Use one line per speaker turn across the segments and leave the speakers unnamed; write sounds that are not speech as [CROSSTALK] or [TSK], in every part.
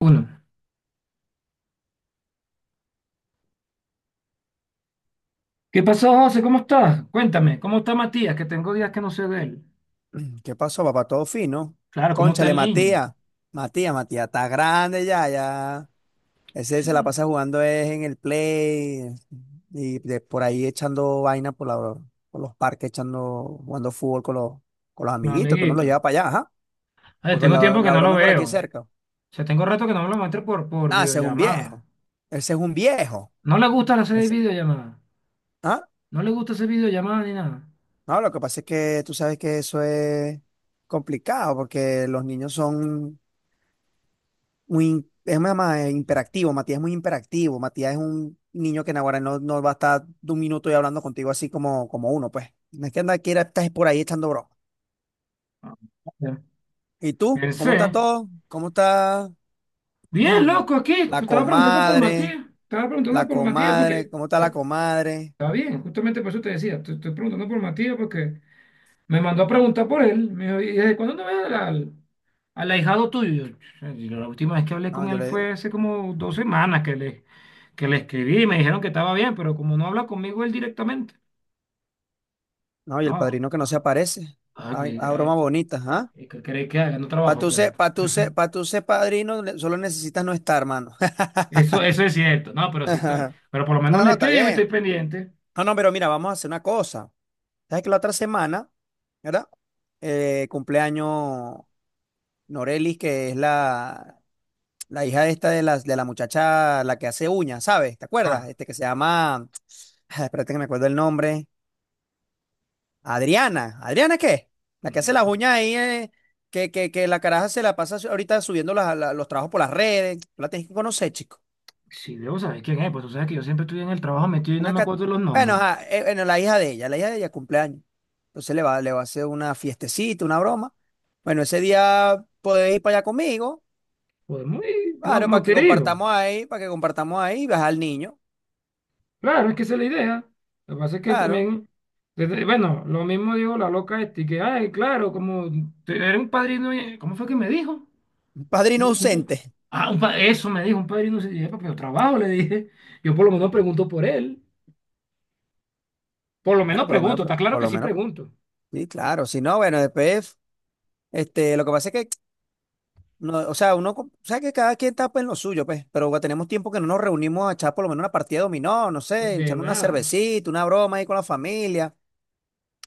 Uno. ¿Qué pasó, José? ¿Cómo estás? Cuéntame, ¿cómo está Matías? Que tengo días que no sé de él.
[CLEARS THROAT] ¿Qué pasó, papá? Todo fino.
Claro, ¿cómo está
Cónchale,
el niño?
Matías. Matías, está grande ya, ya. Ese se la
Sí.
pasa jugando es en el play y de por ahí echando vaina por los parques, echando, jugando fútbol con los
No,
amiguitos, que uno los
amiguito.
lleva para allá, ajá.
Ay,
Porque
tengo
la,
tiempo que
la
no lo
broma es por
veo.
aquí cerca.
O sea, tengo rato que no me lo muestro por
Ah, ese es un
videollamada.
viejo. Ese es un viejo.
No le gusta hacer
Ese-
videollamada.
¿Ah?
No le gusta hacer videollamada ni nada.
No, lo que pasa es que tú sabes que eso es complicado porque los niños son muy, es más, imperactivo, Matías es muy imperactivo, Matías es un niño que en ahora no, no va a estar de un minuto y hablando contigo así como, como uno, pues. No es que anda, quiera estás por ahí echando broma.
Ah, ya.
¿Y tú? ¿Cómo está
Pensé.
todo? ¿Cómo está [CLEARS THROAT]
Bien, loco, aquí. Pues
la
estaba preguntando por
comadre?
Matías. Estaba preguntando
La
por Matías
comadre,
porque
¿cómo está la
bueno,
comadre?
está bien, justamente por eso te decía. Te estoy preguntando por Matías porque me mandó a preguntar por él. Me dijo, ¿y desde cuándo no ves al, al ahijado tuyo? yo- la última vez que hablé
No,
con él fue hace como 2 semanas que le escribí y me dijeron que estaba bien, pero como no habla conmigo él directamente,
y el
no.
padrino que no se aparece.
Ah,
Ay,
pues,
ah,
ah,
broma bonita, ¿ah?
¿Qué queréis que haga? No trabajo, pues. [LAUGHS]
Para tú ser padrino, solo necesitas no estar, hermano.
Eso,
[LAUGHS]
eso es cierto, no, pero sí estoy, pero por lo
No,
menos
no,
le
no, está
escribo y estoy
bien.
pendiente.
No, no, pero mira, vamos a hacer una cosa. Sabes que la otra semana, ¿verdad? Cumpleaños Norelis, que es la hija esta de las de la muchacha, la que hace uñas, ¿sabes? ¿Te acuerdas?
Ah,
Este que se llama, [TSK] espérate que me acuerdo el nombre. Adriana. ¿Adriana qué? La que hace las uñas ahí, que la caraja se la pasa ahorita subiendo los trabajos por las redes. Tú la tienes que conocer, chico.
si debo saber quién es, pues tú sabes que yo siempre estoy en el trabajo metido y no
Una
me
cat-
acuerdo de los
Bueno,
nombres.
ajá, bueno, la hija de ella cumpleaños. Entonces le va a hacer una fiestecita, una broma. Bueno, ese día podéis ir para allá conmigo,
Podemos ir, claro,
claro,
como te digo.
para que compartamos ahí y vas al niño,
Claro, es que esa es la idea. Lo que pasa es que
claro.
también, bueno, lo mismo dijo la loca este, que ay, claro, como tú eres un padrino, ¿cómo fue que me dijo?
Un padrino
Un- un-
ausente.
Eso me dijo, un padrino, se dije: "Epa, pero trabajo", le dije. Yo por lo menos pregunto por él, por lo menos
Bueno, por lo menos,
pregunto, está claro
por
que
lo
sí
menos,
pregunto.
sí, claro. Si no, bueno, después, este, lo que pasa es que, no, o sea, uno, o sea, que cada quien está pues, en lo suyo, pues, pero bueno, tenemos tiempo que no nos reunimos a echar por lo menos una partida de dominó, no sé,
De
echar una
nada.
cervecita, una broma ahí con la familia.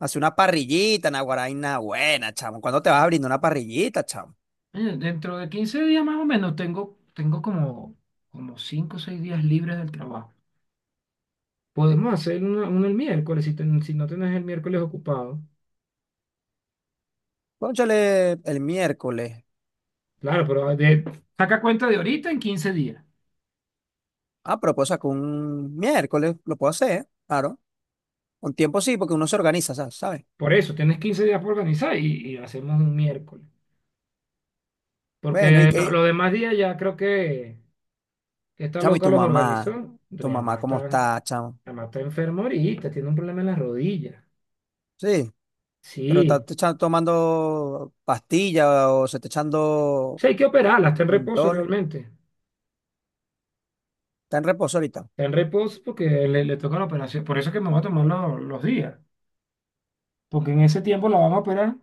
Hace una parrillita, naguaraina buena, chamo. ¿Cuándo te vas a brindar una parrillita, chamo?
Dentro de 15 días más o menos tengo, tengo como como 5 o 6 días libres del trabajo. Podemos hacer uno, uno el miércoles, si no tenés el miércoles ocupado.
Cónchale, el miércoles.
Claro, saca cuenta de ahorita en 15 días.
Ah, pero puedo sacar un miércoles, lo puedo hacer, ¿eh? Claro. Con tiempo sí, porque uno se organiza, ¿sabes?
Por eso, tienes 15 días para organizar y lo hacemos un miércoles.
Bueno, y
Porque
que,
los demás días ya creo que esta
chamo, ¿y
loca
tu
los
mamá?
organizó.
¿Tu
Mi
mamá
mamá
cómo
está, mi
está, chamo?
mamá está enferma ahorita, tiene un problema en las rodillas.
Sí, pero está
Sí,
tomando pastilla o se está echando
sí, hay que operarla, está en reposo
mentol.
realmente.
Está en reposo ahorita.
Está en reposo porque le toca la operación. Por eso es que me va a tomar los días. Porque en ese tiempo la vamos a operar.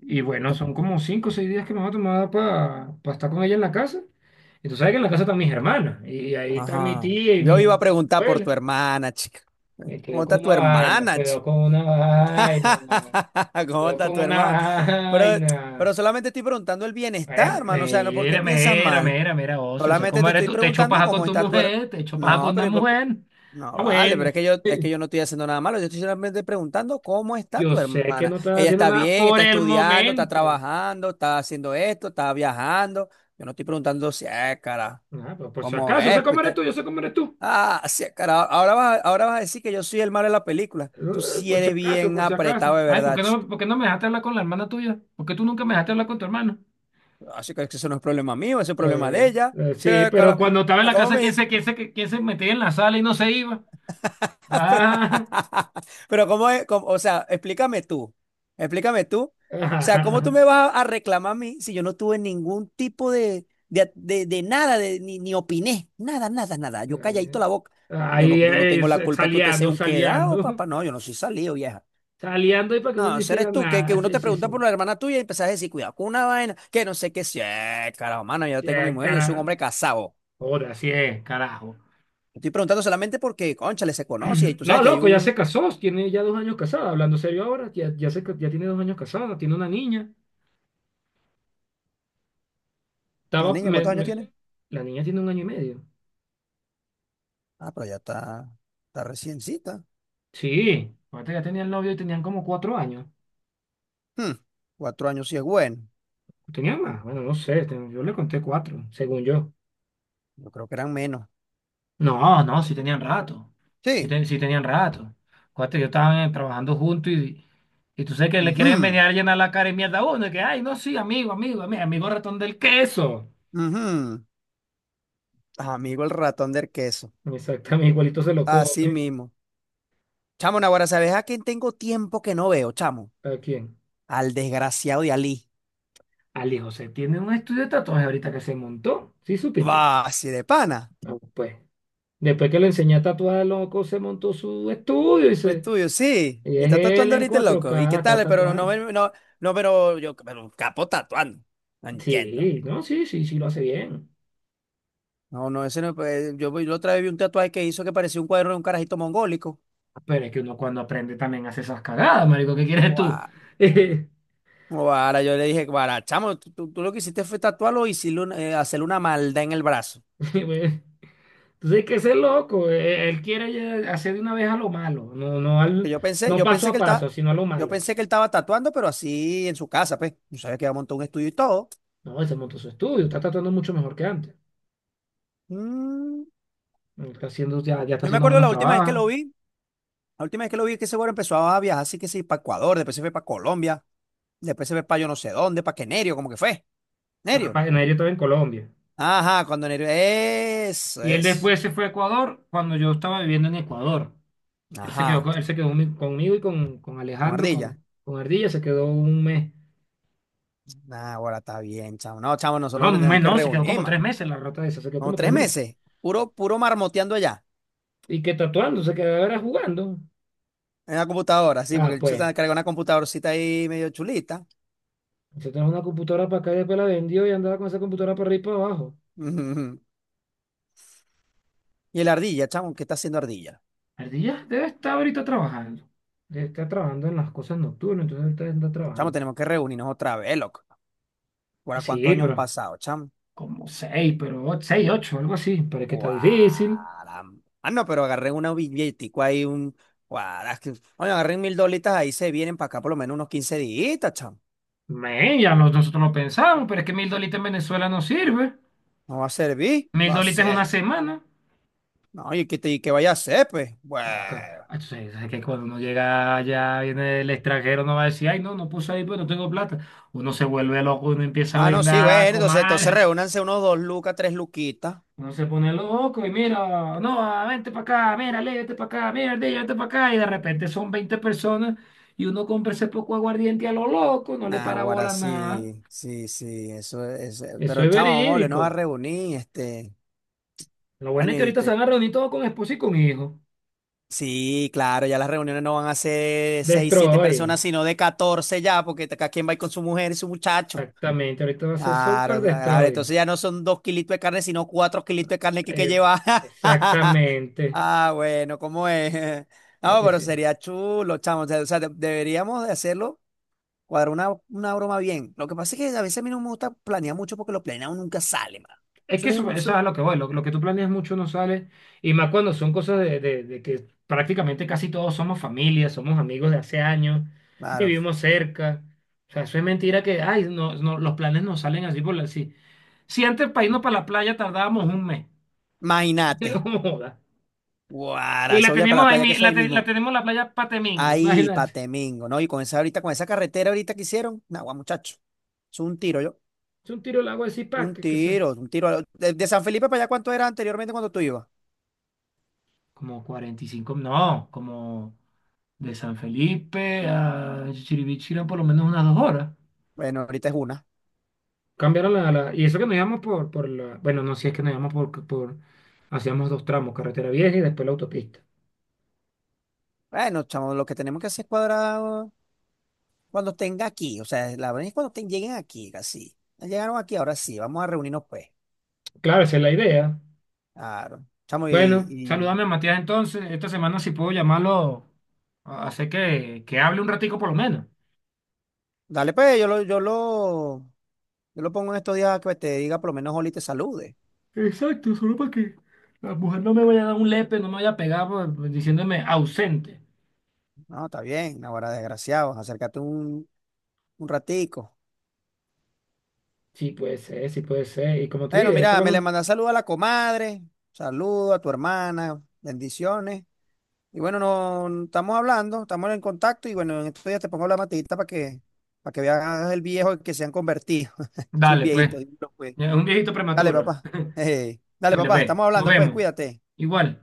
Y bueno, son como 5 o 6 días que me va a tomar para estar con ella en la casa. Y tú sabes que en la casa están mis hermanas. Y ahí está mi
Ajá.
tía y
Yo iba a
mi
preguntar por
abuela.
tu hermana, chica. ¿Cómo
Cuidado con
está tu
una vaina,
hermana,
cuidado
chica?
con una vaina,
[LAUGHS] ¿Cómo
cuidado
está
con
tu
una
hermano? Pero,
vaina.
pero solamente estoy preguntando el bienestar, hermano. O sea, no, ¿por qué
Mira,
piensas
mira,
mal?
mira, mira, ocio. O sea,
Solamente
¿cómo
te
eres
estoy
tú? Te echo
preguntando
paja con
cómo
tu
está tu hermano.
mujer, te echo paja
No,
con la
pero ¿y por qué?
mujer.
No,
Ah,
vale,
bueno,
pero es que yo no estoy haciendo nada malo. Yo estoy solamente preguntando cómo está
yo
tu
sé que
hermana.
no estás
Ella
haciendo
está
nada
bien,
por
está
el
estudiando, está
momento.
trabajando, está haciendo esto, está viajando. Yo no estoy preguntando si es, cara,
Ah, pero por si
cómo
acaso, yo sé
es,
cómo eres
pete.
tú, yo sé cómo eres tú.
Ah, sí, cara, ahora vas, ahora vas a decir que yo soy el malo de la película. Tú sí
Por si
eres
acaso,
bien
por si acaso.
apretado de
Ay,
verdad.
por qué no me dejaste hablar con la hermana tuya? ¿Por qué tú nunca me dejaste hablar con tu hermano?
Así que eso no es problema mío, ese es problema de ella. Sí,
Sí, pero
cara.
cuando estaba en
Ah,
la
¿cómo
casa,
me dice?
¿quién se metía en la sala y no se iba?
[LAUGHS] Pero,
Ah,
[LAUGHS] pero ¿cómo es? ¿O sea, explícame tú. Explícame tú. O sea, ¿cómo tú
[LAUGHS]
me vas a reclamar a mí si yo no tuve ningún tipo de nada, ni opiné? Nada, nada, nada. Yo calladito
eh,
la boca. Yo no, yo no tengo la culpa que usted sea
saleando,
un quedado,
saleando,
papá. No, yo no soy salido, vieja.
saleando [LAUGHS] y para que uno no
No, ese
hiciera
eres tú, que
nada.
uno
Sí,
te
sí,
pregunta por
sí.
la hermana tuya y empezás a decir, cuidado con una vaina, que no sé qué sea. Carajo, mano, yo
Sí,
tengo mi mujer, yo soy un
cara.
hombre casado.
Joda, sí, carajo.
Estoy preguntando solamente porque, cónchale, se conoce y
[CLEARS THROAT]
tú
No,
sabes que hay
loco, ya se
un...
casó, tiene ya 2 años casada. Hablando serio ahora, ya tiene 2 años casada, tiene una niña.
¿La
Estaba,
niña
me-
cuántos años
me-
tiene?
la niña tiene 1 año y medio.
Ah, pero ya está, está reciencita.
Sí, ahorita ya tenían novio y tenían como 4 años.
Hmm, 4 años sí es bueno.
Tenían más, bueno, no sé, yo le conté cuatro, según yo.
Yo creo que eran menos.
No, no, sí tenían rato. Sí,
Sí.
sí tenían rato. Cuate, yo estaban trabajando juntos y tú sabes que le quieren
Ujú,
venir a llenar la cara y mierda a uno. Y que ay, no, sí, amigo, amigo, amigo, amigo ratón del queso.
ujú. Amigo el ratón del queso.
Exactamente, igualito se lo
Así
come.
mismo. Chamo, Naguará, ¿sabes a quién tengo tiempo que no veo, chamo?
¿A quién?
Al desgraciado de Ali.
Al hijo, se tiene un estudio de tatuajes ahorita que se montó. ¿Sí supiste?
Va, así de pana.
Ah, pues. Después que le enseñé a tatuar, loco, se montó su estudio y
Su
se,
estudio, sí.
y
Y
es
está
él
tatuando
en
ahorita el
cuatro
loco. ¿Y qué
k está
tal? Pero no,
tatuado.
no, no, no, pero capo tatuando. No entiendo.
Sí, no, sí, sí, sí lo hace bien.
No, no, ese no. Pues, yo, la otra vez vi un tatuaje que hizo que parecía un cuadro de un carajito mongólico.
Pero es que uno cuando aprende también hace esas cagadas, marico, ¿qué quieres tú?
Guau.
[LAUGHS] Entonces
Guara, yo le dije, guara, chamo, tú lo que hiciste fue tatuarlo y hacerle una maldad en el brazo.
hay que ser loco. Él quiere ya hacer de una vez a lo malo,
Que yo pensé,
no paso a paso, sino a lo
yo
malo.
pensé que él estaba tatuando, pero así en su casa, pues. Yo sabía que iba a montar un estudio y todo.
No, él se montó su estudio, está tatuando mucho mejor que antes.
Mm,
Está haciendo, ya, ya está
yo me
haciendo
acuerdo
buenos
la última vez que
trabajos.
lo vi, la última vez que lo vi es que ese güero empezó a viajar, así que sí, para Ecuador, después se fue para Colombia, después se fue para yo no sé dónde, para que Nerio, como que fue. Nerio.
Capaz, en ello estaba en Colombia.
Ajá, cuando Nerio. Eso,
Y él
eso.
después se fue a Ecuador cuando yo estaba viviendo en Ecuador.
Ajá.
Él se quedó conmigo y con
Con
Alejandro,
ardilla.
con Ardilla, se quedó 1 mes.
Nah, ahora está bien, chavo. No, chavo,
No,
nosotros
1 mes
tenemos que
no, se quedó
reunir,
como
man.
3 meses la rata esa, se quedó
Como
como tres
tres
meses.
meses. Puro, puro marmoteando allá.
Y que tatuando, se quedaba era jugando.
En la computadora, sí, porque
Ah,
el chico
pues,
se carga una computadorcita ahí medio chulita.
se trajo una computadora para acá y después la vendió y andaba con esa computadora para arriba y para abajo.
[LAUGHS] Ujú. Y el ardilla, chamo, ¿qué está haciendo ardilla?
Ardilla debe estar ahorita trabajando. Debe estar trabajando en las cosas nocturnas, entonces ahorita anda
Chamo,
trabajando.
tenemos que reunirnos otra vez, loco. ¿Ahora cuántos
Así,
años han
pero
pasado, chamo?
como seis, seis, ocho, algo así. Pero es que está difícil.
Guara. Ah, no, pero agarré una billetico ahí, un. Guara, oye, agarré 1000 dolitas ahí, se vienen para acá por lo menos unos 15 días, chamo.
Men, nosotros lo pensamos, pero es que 1.000 dolitas en Venezuela no sirve.
No va a servir.
Mil
Va a
dolitas en
ser.
una semana.
No, y que, y que vaya a ser, pues.
Acá.
Bueno.
Ah, tú sabes, sabes que cuando uno llega allá, viene el extranjero, no va a decir, ay, no, no puse ahí, pues no tengo plata. Uno se vuelve loco, uno empieza a
Ah, no, sí,
brindar,
bueno, entonces, entonces
comal,
reúnanse unos 2 lucas, 3 luquitas.
uno se pone loco y mira, no, ah, vente para acá, mira, Leo, vente para acá, mira, Leo, vente para acá. Y de repente son 20 personas y uno compra ese poco aguardiente a lo loco, no le para
Nah,
bola a nada.
sí, sí, sí, eso es.
Eso
Pero
es
chama, vamos a volvernos a
verídico.
reunir, este.
Lo bueno es
Coño,
que
y
ahorita se van a reunir todos con esposo y con hijo.
sí, claro, ya las reuniones no van a ser seis, siete
Destroy,
personas, sino de 14 ya, porque cada quien va a ir con su mujer y su muchacho.
exactamente. Ahorita va a ser Super
Claro, claro,
Destroy.
entonces ya no son 2 kilitos de carne, sino 4 kilitos de carne que hay que
Eh,
llevar. [LAUGHS]
Exactamente.
Ah, bueno, ¿cómo es? [LAUGHS]
¿Para
No,
qué
pero
sí?
sería chulo, chamo. O sea, deberíamos de hacerlo, cuadrar una broma bien. Lo que pasa es que a veces a mí no me gusta planear mucho porque lo planeado nunca sale, mano.
Es
Eso
que
es
eso,
un...
eso es
eso-
a lo que voy. Lo que tú planeas mucho no sale. Y más cuando son cosas de que prácticamente casi todos somos familia, somos amigos de hace años,
Claro.
vivimos cerca. O sea, eso es mentira que ay, no, no, los planes no salen así así. Si antes para irnos para la playa tardábamos 1 mes.
Imagínate.
[LAUGHS] Joda.
Guara,
Y la
eso ya para
teníamos
la
ahí,
playa, que eso ahí
la
mismo.
tenemos en la playa Patemingo,
Ahí, pa'
imagínate.
Temengo, ¿no? Y con esa ahorita, con esa carretera ahorita que hicieron. Nagua, muchacho. Es un tiro, yo.
Es un tiro al agua de
Un
Zipaqué, que se...
tiro, un tiro. De San Felipe para allá, ¿cuánto era anteriormente cuando tú ibas?
Como 45, no, como de San Felipe a Chiribichi eran por lo menos unas 2 horas.
Bueno, ahorita es una.
Cambiaron Y eso que nos íbamos Bueno, no, si es que nos íbamos hacíamos 2 tramos, carretera vieja y después la autopista.
Bueno, chamo, lo que tenemos que hacer es cuadrar cuando tenga aquí. O sea, la verdad es cuando lleguen aquí, casi. Ya llegaron aquí, ahora sí, vamos a reunirnos, pues.
Claro, esa es la idea.
Claro. Chamo,
Bueno,
y-
saludame a Matías entonces. Esta semana si puedo llamarlo, hacer que hable un ratico por lo menos.
dale, pues, yo lo pongo en estos días que te diga, por lo menos Oli te salude.
Exacto, solo para que la mujer no me vaya a dar un lepe, no me vaya a pegar por diciéndome ausente.
No, está bien, ahora desgraciado, acércate un ratico.
Sí puede ser, sí puede ser. Y como te
Bueno,
dije, ahí te
mira, me le
van.
manda saludo a la comadre, saludo a tu hermana, bendiciones. Y bueno, no estamos hablando, estamos en contacto y bueno, en estos días te pongo la matita para que veas el viejo que se han convertido. [LAUGHS] Es un
Dale, pues.
viejito, dímelo, pues.
Ya, un viejito
Dale,
prematuro.
papá. [LAUGHS]
[LAUGHS]
Dale,
Dale,
papá,
ve.
estamos
Nos
hablando, pues
vemos.
cuídate.
Igual.